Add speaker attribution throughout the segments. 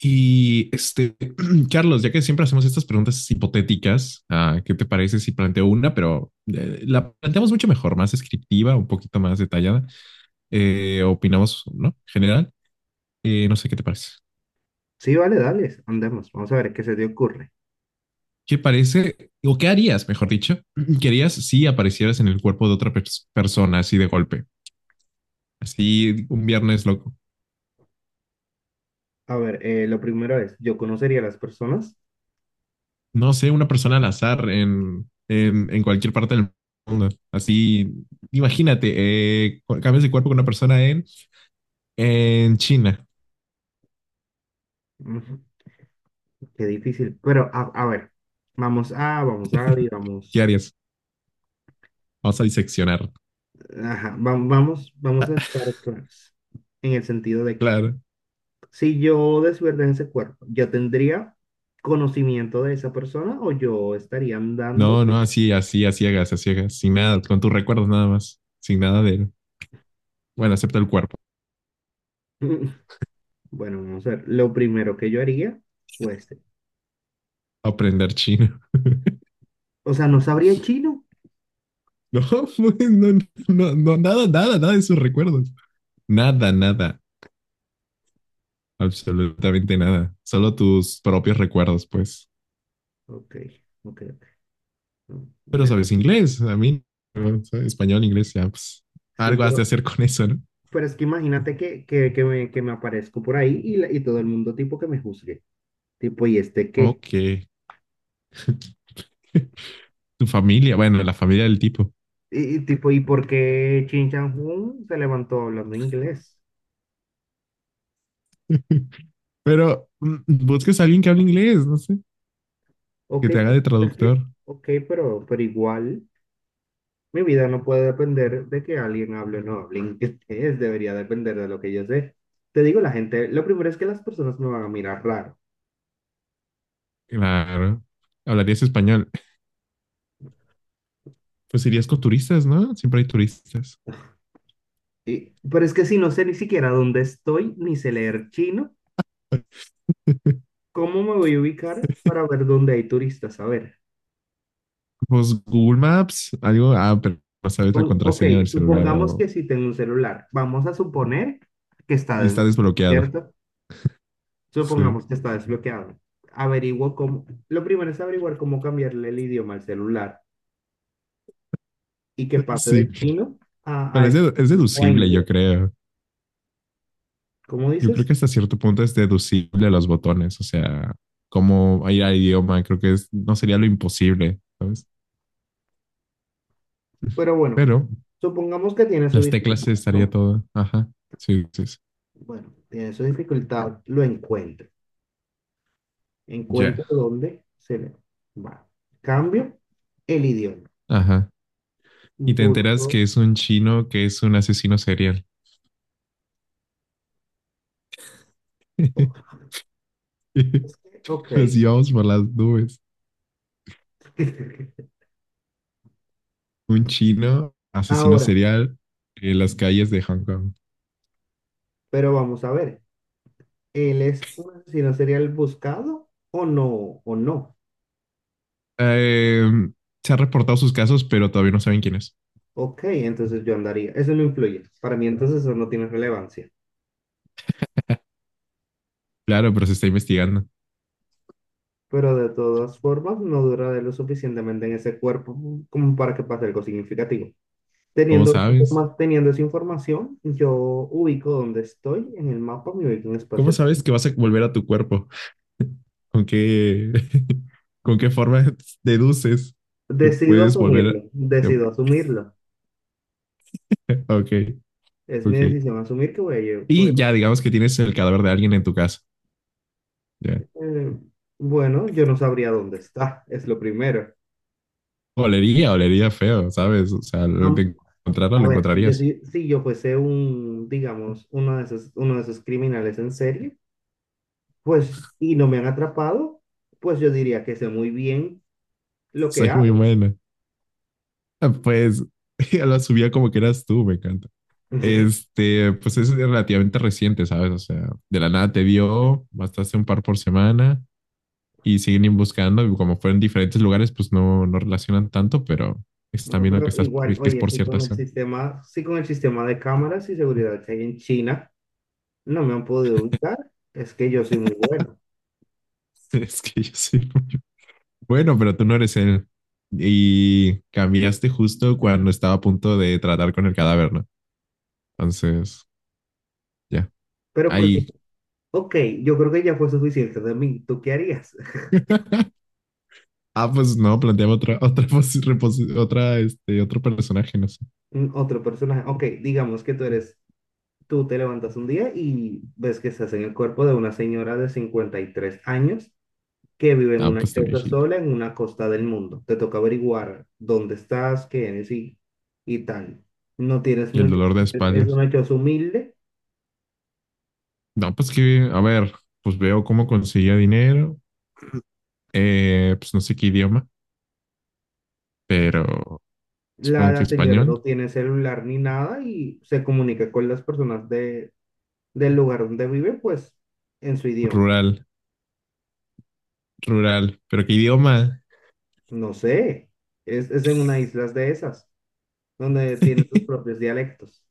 Speaker 1: Y este, Carlos, ya que siempre hacemos estas preguntas hipotéticas, ¿qué te parece si planteo una, pero la planteamos mucho mejor, más descriptiva, un poquito más detallada? Opinamos, ¿no? General, no sé qué te parece.
Speaker 2: Sí, vale, dale, andemos. Vamos a ver qué se te ocurre.
Speaker 1: ¿Qué parece, o qué harías, mejor dicho, qué harías si aparecieras en el cuerpo de otra persona así de golpe? Así un viernes loco.
Speaker 2: A ver, lo primero es, yo conocería a las personas.
Speaker 1: No sé, una persona al azar en cualquier parte del mundo. Así, imagínate, cambias de cuerpo con una persona en China,
Speaker 2: Ujú. Qué difícil. Pero, a ver, vamos a,
Speaker 1: ¿qué
Speaker 2: digamos,
Speaker 1: harías? Vamos a diseccionar.
Speaker 2: ajá, vamos a estar claros. En el sentido de que
Speaker 1: Claro.
Speaker 2: si yo desverde ese cuerpo, ¿yo tendría conocimiento de esa persona o yo estaría andando?
Speaker 1: No, no, así, así, a ciegas, sin nada, con tus recuerdos nada más, sin nada de, bueno, acepta el cuerpo,
Speaker 2: Mm, Bueno, vamos a ver. Lo primero que yo haría fuese,
Speaker 1: aprender chino.
Speaker 2: o sea, no sabría chino.
Speaker 1: No, pues, no, no, no, nada, nada, nada de sus recuerdos. Nada, nada, absolutamente nada. Solo tus propios recuerdos, pues.
Speaker 2: Ok, ok, ok.
Speaker 1: Pero
Speaker 2: Vean.
Speaker 1: sabes inglés, a mí, no, ¿sabes? Español, inglés, ya, pues,
Speaker 2: Sí,
Speaker 1: algo has de
Speaker 2: pero
Speaker 1: hacer con eso, ¿no?
Speaker 2: Es que imagínate que, me, aparezco por ahí y, y todo el mundo tipo que me juzgue. Tipo, ¿y este qué?
Speaker 1: Ok. Tu familia, bueno, la familia del tipo.
Speaker 2: Y tipo, ¿y por qué Chin Chan Hun se levantó hablando inglés?
Speaker 1: Pero busques a alguien que hable inglés, no sé, que
Speaker 2: Ok,
Speaker 1: te haga
Speaker 2: pero
Speaker 1: de
Speaker 2: es que,
Speaker 1: traductor.
Speaker 2: ok, pero igual mi vida no puede depender de que alguien hable o no hable inglés. Debería depender de lo que yo sé. Te digo, la gente, lo primero es que las personas me van a mirar raro.
Speaker 1: Claro. Hablarías español. Pues irías con turistas, ¿no? Siempre hay turistas.
Speaker 2: Pero es que si no sé ni siquiera dónde estoy, ni sé leer chino, ¿cómo me voy a ubicar para ver dónde hay turistas? A ver.
Speaker 1: Pues Google Maps, algo. Ah, pero no sabes la
Speaker 2: Ok,
Speaker 1: contraseña del celular
Speaker 2: supongamos
Speaker 1: o.
Speaker 2: que si tengo un celular, vamos a suponer que está
Speaker 1: Y está
Speaker 2: desbloqueado,
Speaker 1: desbloqueado.
Speaker 2: ¿cierto?
Speaker 1: Sí.
Speaker 2: Supongamos que está desbloqueado. Averiguo cómo, lo primero es averiguar cómo cambiarle el idioma al celular y que pase
Speaker 1: Sí.
Speaker 2: de chino a
Speaker 1: Pero es, es
Speaker 2: español o a
Speaker 1: deducible, yo
Speaker 2: inglés.
Speaker 1: creo.
Speaker 2: ¿Cómo
Speaker 1: Yo creo
Speaker 2: dices?
Speaker 1: que hasta cierto punto es deducible los botones. O sea, cómo ir al idioma, creo que es, no sería lo imposible, ¿sabes?
Speaker 2: Pero bueno,
Speaker 1: Pero
Speaker 2: supongamos que tiene su
Speaker 1: las teclas sí
Speaker 2: dificultad,
Speaker 1: estaría
Speaker 2: ¿no?
Speaker 1: todo. Ajá. Sí, sí, sí.
Speaker 2: Bueno, tiene su dificultad, lo encuentro. Encuentro
Speaker 1: Ya.
Speaker 2: dónde se le va. Cambio el idioma.
Speaker 1: Ajá. Y te enteras
Speaker 2: Busco.
Speaker 1: que es un chino que es un asesino serial.
Speaker 2: Ok, es que, ok.
Speaker 1: Nos íbamos por las nubes. Un chino asesino
Speaker 2: Ahora,
Speaker 1: serial en las calles de Hong Kong.
Speaker 2: pero vamos a ver, ¿él es un asesino serial buscado o no? ¿O no?
Speaker 1: Eh, se han reportado sus casos, pero todavía no saben quién es.
Speaker 2: Ok, entonces yo andaría. Eso no influye. Para mí entonces eso no tiene relevancia.
Speaker 1: Claro, pero se está investigando.
Speaker 2: Pero de todas formas, no duraré lo suficientemente en ese cuerpo como para que pase algo significativo.
Speaker 1: ¿Cómo sabes?
Speaker 2: Teniendo esa información, yo ubico dónde estoy en el mapa, me ubico en
Speaker 1: ¿Cómo
Speaker 2: espacio.
Speaker 1: sabes que vas a volver a tu cuerpo? ¿Con qué, con qué forma deduces que
Speaker 2: Decido
Speaker 1: puedes volver?
Speaker 2: asumirlo,
Speaker 1: a-
Speaker 2: decido asumirlo.
Speaker 1: Ok,
Speaker 2: Es mi
Speaker 1: ok.
Speaker 2: decisión asumir que voy a.
Speaker 1: Y ya digamos que tienes el cadáver de alguien en tu casa. Ya.
Speaker 2: Eh, bueno, yo no sabría dónde está, es lo primero.
Speaker 1: Olería, olería feo, ¿sabes? O sea,
Speaker 2: Am-
Speaker 1: de encontrarlo
Speaker 2: a
Speaker 1: lo
Speaker 2: ver, si yo,
Speaker 1: encontrarías.
Speaker 2: si, si yo fuese un, digamos, uno de esos criminales en serie, pues, y no me han atrapado, pues yo diría que sé muy bien lo que
Speaker 1: Soy muy
Speaker 2: hago.
Speaker 1: buena. Pues la subía como que eras tú, me encanta. Pues es relativamente reciente, ¿sabes? O sea, de la nada te dio, bastaste un par por semana y siguen buscando. Y como fueron diferentes lugares, pues no, no relacionan tanto, pero es
Speaker 2: Bueno,
Speaker 1: también lo que
Speaker 2: pero
Speaker 1: estás,
Speaker 2: igual,
Speaker 1: que es
Speaker 2: oye,
Speaker 1: por cierta zona.
Speaker 2: sí con el sistema de cámaras y seguridad que hay en China, no me han podido ubicar, es que yo soy muy bueno.
Speaker 1: Es que yo soy muy bueno, pero tú no eres él. Y cambiaste justo cuando estaba a punto de tratar con el cadáver, ¿no? Entonces, ya,
Speaker 2: Pero porque,
Speaker 1: ahí.
Speaker 2: ok, yo creo que ya fue suficiente de mí, ¿tú qué harías?
Speaker 1: Ah, pues no, planteaba otra, otra, posi- reposi- otra, este, otro personaje, no sé.
Speaker 2: Otro personaje. Ok, digamos que tú te levantas un día y ves que estás en el cuerpo de una señora de 53 años que vive en
Speaker 1: Ah,
Speaker 2: una
Speaker 1: pues está
Speaker 2: choza
Speaker 1: viejito.
Speaker 2: sola en una costa del mundo. Te toca averiguar dónde estás, qué eres y tal. No tienes
Speaker 1: Y el
Speaker 2: mucho,
Speaker 1: dolor de
Speaker 2: es
Speaker 1: espalda.
Speaker 2: una choza humilde.
Speaker 1: No, pues que, a ver, pues veo cómo conseguía dinero. Pues no sé qué idioma, pero
Speaker 2: La,
Speaker 1: supongo que
Speaker 2: la señora
Speaker 1: español.
Speaker 2: no tiene celular ni nada y se comunica con las personas del lugar donde vive, pues en su idioma.
Speaker 1: Rural, rural. Pero qué idioma.
Speaker 2: No sé, es en una isla de esas, donde tienen sus propios dialectos.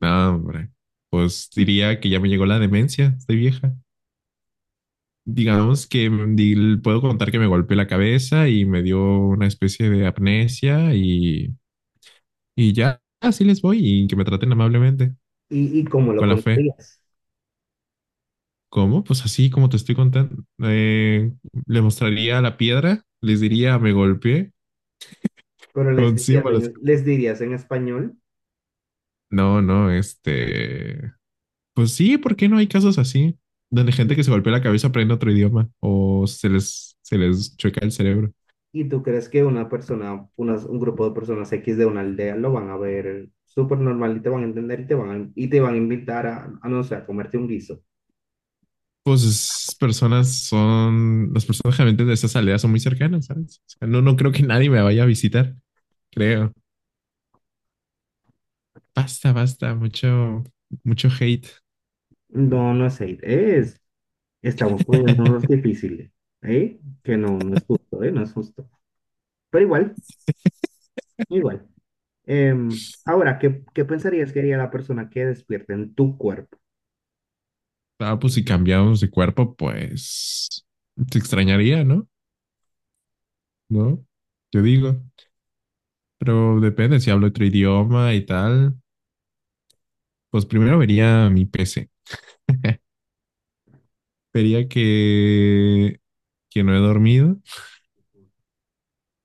Speaker 1: No, hombre. Pues diría que ya me llegó la demencia, estoy vieja. Digamos que puedo contar que me golpeé la cabeza y me dio una especie de amnesia y ya, así les voy y que me traten amablemente,
Speaker 2: ¿Y cómo lo
Speaker 1: con la fe.
Speaker 2: contarías?
Speaker 1: ¿Cómo? Pues así como te estoy contando. Le mostraría la piedra, les diría me golpeé
Speaker 2: Pero les
Speaker 1: con
Speaker 2: dirías,
Speaker 1: símbolos.
Speaker 2: en español.
Speaker 1: No, no, pues sí, ¿por qué no hay casos así? Donde gente que se golpea la cabeza aprende otro idioma o se les chueca el cerebro.
Speaker 2: Y tú crees que un grupo de personas X de una aldea lo van a ver súper normal y te van a entender y te van a, y te van a invitar a no sé, a comerte un guiso.
Speaker 1: Pues las personas generalmente de esas aldeas son muy cercanas, ¿sabes? O sea, no, no creo que nadie me vaya a visitar, creo. Basta, basta, mucho, mucho hate.
Speaker 2: No, no es hate, estamos poniéndonos difíciles, ¿eh? Que no, no es justo, ¿eh? No es justo. Pero igual, igual. Ahora, ¿¿qué pensarías que haría la persona que despierta en tu cuerpo?
Speaker 1: Ah, pues si cambiamos de cuerpo, pues te extrañaría, ¿no? ¿No? Yo digo. Pero depende, si hablo otro idioma y tal, pues primero vería mi PC. Vería que no he dormido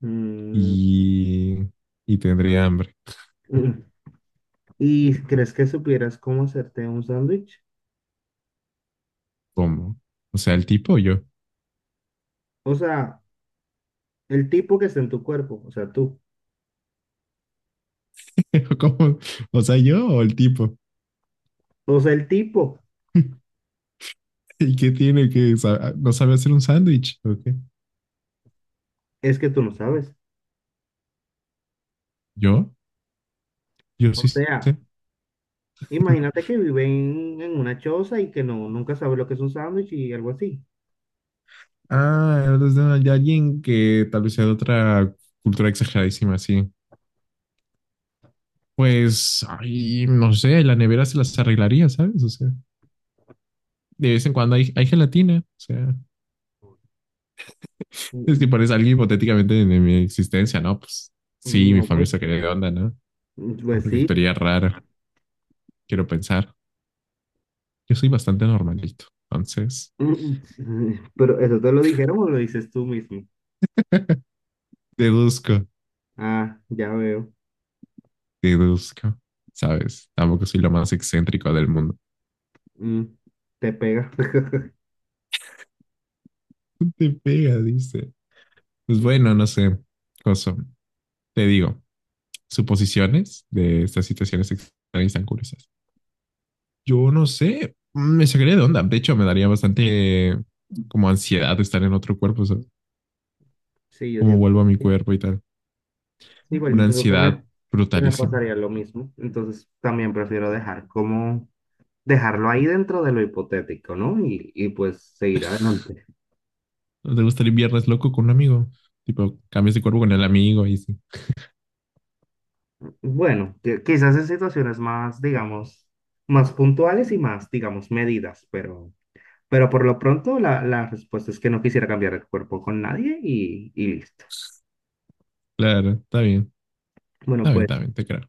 Speaker 2: Mm,
Speaker 1: y, y tendría hambre.
Speaker 2: mm, ¿Y crees que supieras cómo hacerte un sándwich?
Speaker 1: ¿Cómo? O sea, el tipo o yo.
Speaker 2: O sea, el tipo que está en tu cuerpo, o sea, tú.
Speaker 1: ¿Cómo? O sea, yo o el tipo.
Speaker 2: O sea, el tipo
Speaker 1: ¿Y qué tiene que no sabe hacer un sándwich? ¿O qué?
Speaker 2: es que tú no sabes.
Speaker 1: ¿Yo? Yo
Speaker 2: O
Speaker 1: sí sé.
Speaker 2: sea, imagínate que vive en una choza y que no, nunca sabe lo que es un sándwich y algo así.
Speaker 1: Ah, eres de alguien que tal vez sea de otra cultura exageradísima, sí. Pues, ay, no sé, la nevera se las arreglaría, ¿sabes? O sea, de vez en cuando hay gelatina. O sea, es que
Speaker 2: Mm,
Speaker 1: parece alguien hipotéticamente de mi existencia, ¿no? Pues sí, mi
Speaker 2: No,
Speaker 1: familia
Speaker 2: pues,
Speaker 1: se quería de onda, ¿no?
Speaker 2: pues
Speaker 1: Porque
Speaker 2: sí.
Speaker 1: actuaría rara, quiero pensar. Yo soy bastante normalito, entonces.
Speaker 2: Mm, Pero eso te lo dijeron o lo dices tú mismo.
Speaker 1: Deduzco,
Speaker 2: Ah, ya veo.
Speaker 1: deduzco. ¿Sabes? Tampoco soy lo más excéntrico del mundo.
Speaker 2: Mm, Te pega.
Speaker 1: Te pega, dice. Pues bueno,
Speaker 2: Mm,
Speaker 1: no sé. Cosa. Te digo, suposiciones de estas situaciones extrañas tan curiosas. Yo no sé. Me sacaría de onda. De hecho, me daría bastante como ansiedad de estar en otro cuerpo, ¿sabes?
Speaker 2: Sí, yo
Speaker 1: Cómo
Speaker 2: siento.
Speaker 1: vuelvo a mi cuerpo y tal.
Speaker 2: Sí, igual
Speaker 1: Una
Speaker 2: yo creo que
Speaker 1: ansiedad
Speaker 2: me
Speaker 1: brutalísima.
Speaker 2: pasaría lo mismo. Entonces también prefiero dejar como dejarlo ahí dentro de lo hipotético, ¿no? Y pues seguir adelante.
Speaker 1: ¿No te gustaría viernes loco con un amigo? Tipo, cambias de cuerpo con el amigo y sí.
Speaker 2: Bueno, quizás en situaciones más, digamos, más puntuales y más, digamos, medidas, pero por lo pronto la respuesta es que no quisiera cambiar de cuerpo con nadie y listo.
Speaker 1: Claro, está bien.
Speaker 2: Bueno,
Speaker 1: Está bien, está
Speaker 2: pues
Speaker 1: bien, te creo.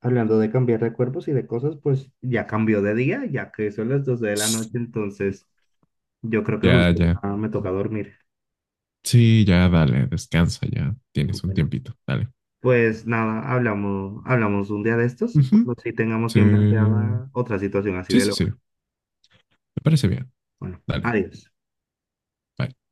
Speaker 2: hablando de cambiar de cuerpos y de cosas, pues ya cambió de día, ya que son las 12 de la noche, entonces yo creo que
Speaker 1: Ya,
Speaker 2: justo
Speaker 1: ya.
Speaker 2: ya me toca dormir.
Speaker 1: Sí, ya dale, descansa, ya tienes un
Speaker 2: Bueno.
Speaker 1: tiempito, dale.
Speaker 2: Pues nada, hablamos, un día de estos,
Speaker 1: Ujú,
Speaker 2: cuando sí tengamos bien
Speaker 1: sí,
Speaker 2: planteada otra situación así
Speaker 1: sí,
Speaker 2: de
Speaker 1: sí, sí,
Speaker 2: loca.
Speaker 1: me parece bien,
Speaker 2: Bueno,
Speaker 1: dale,
Speaker 2: adiós.
Speaker 1: bye.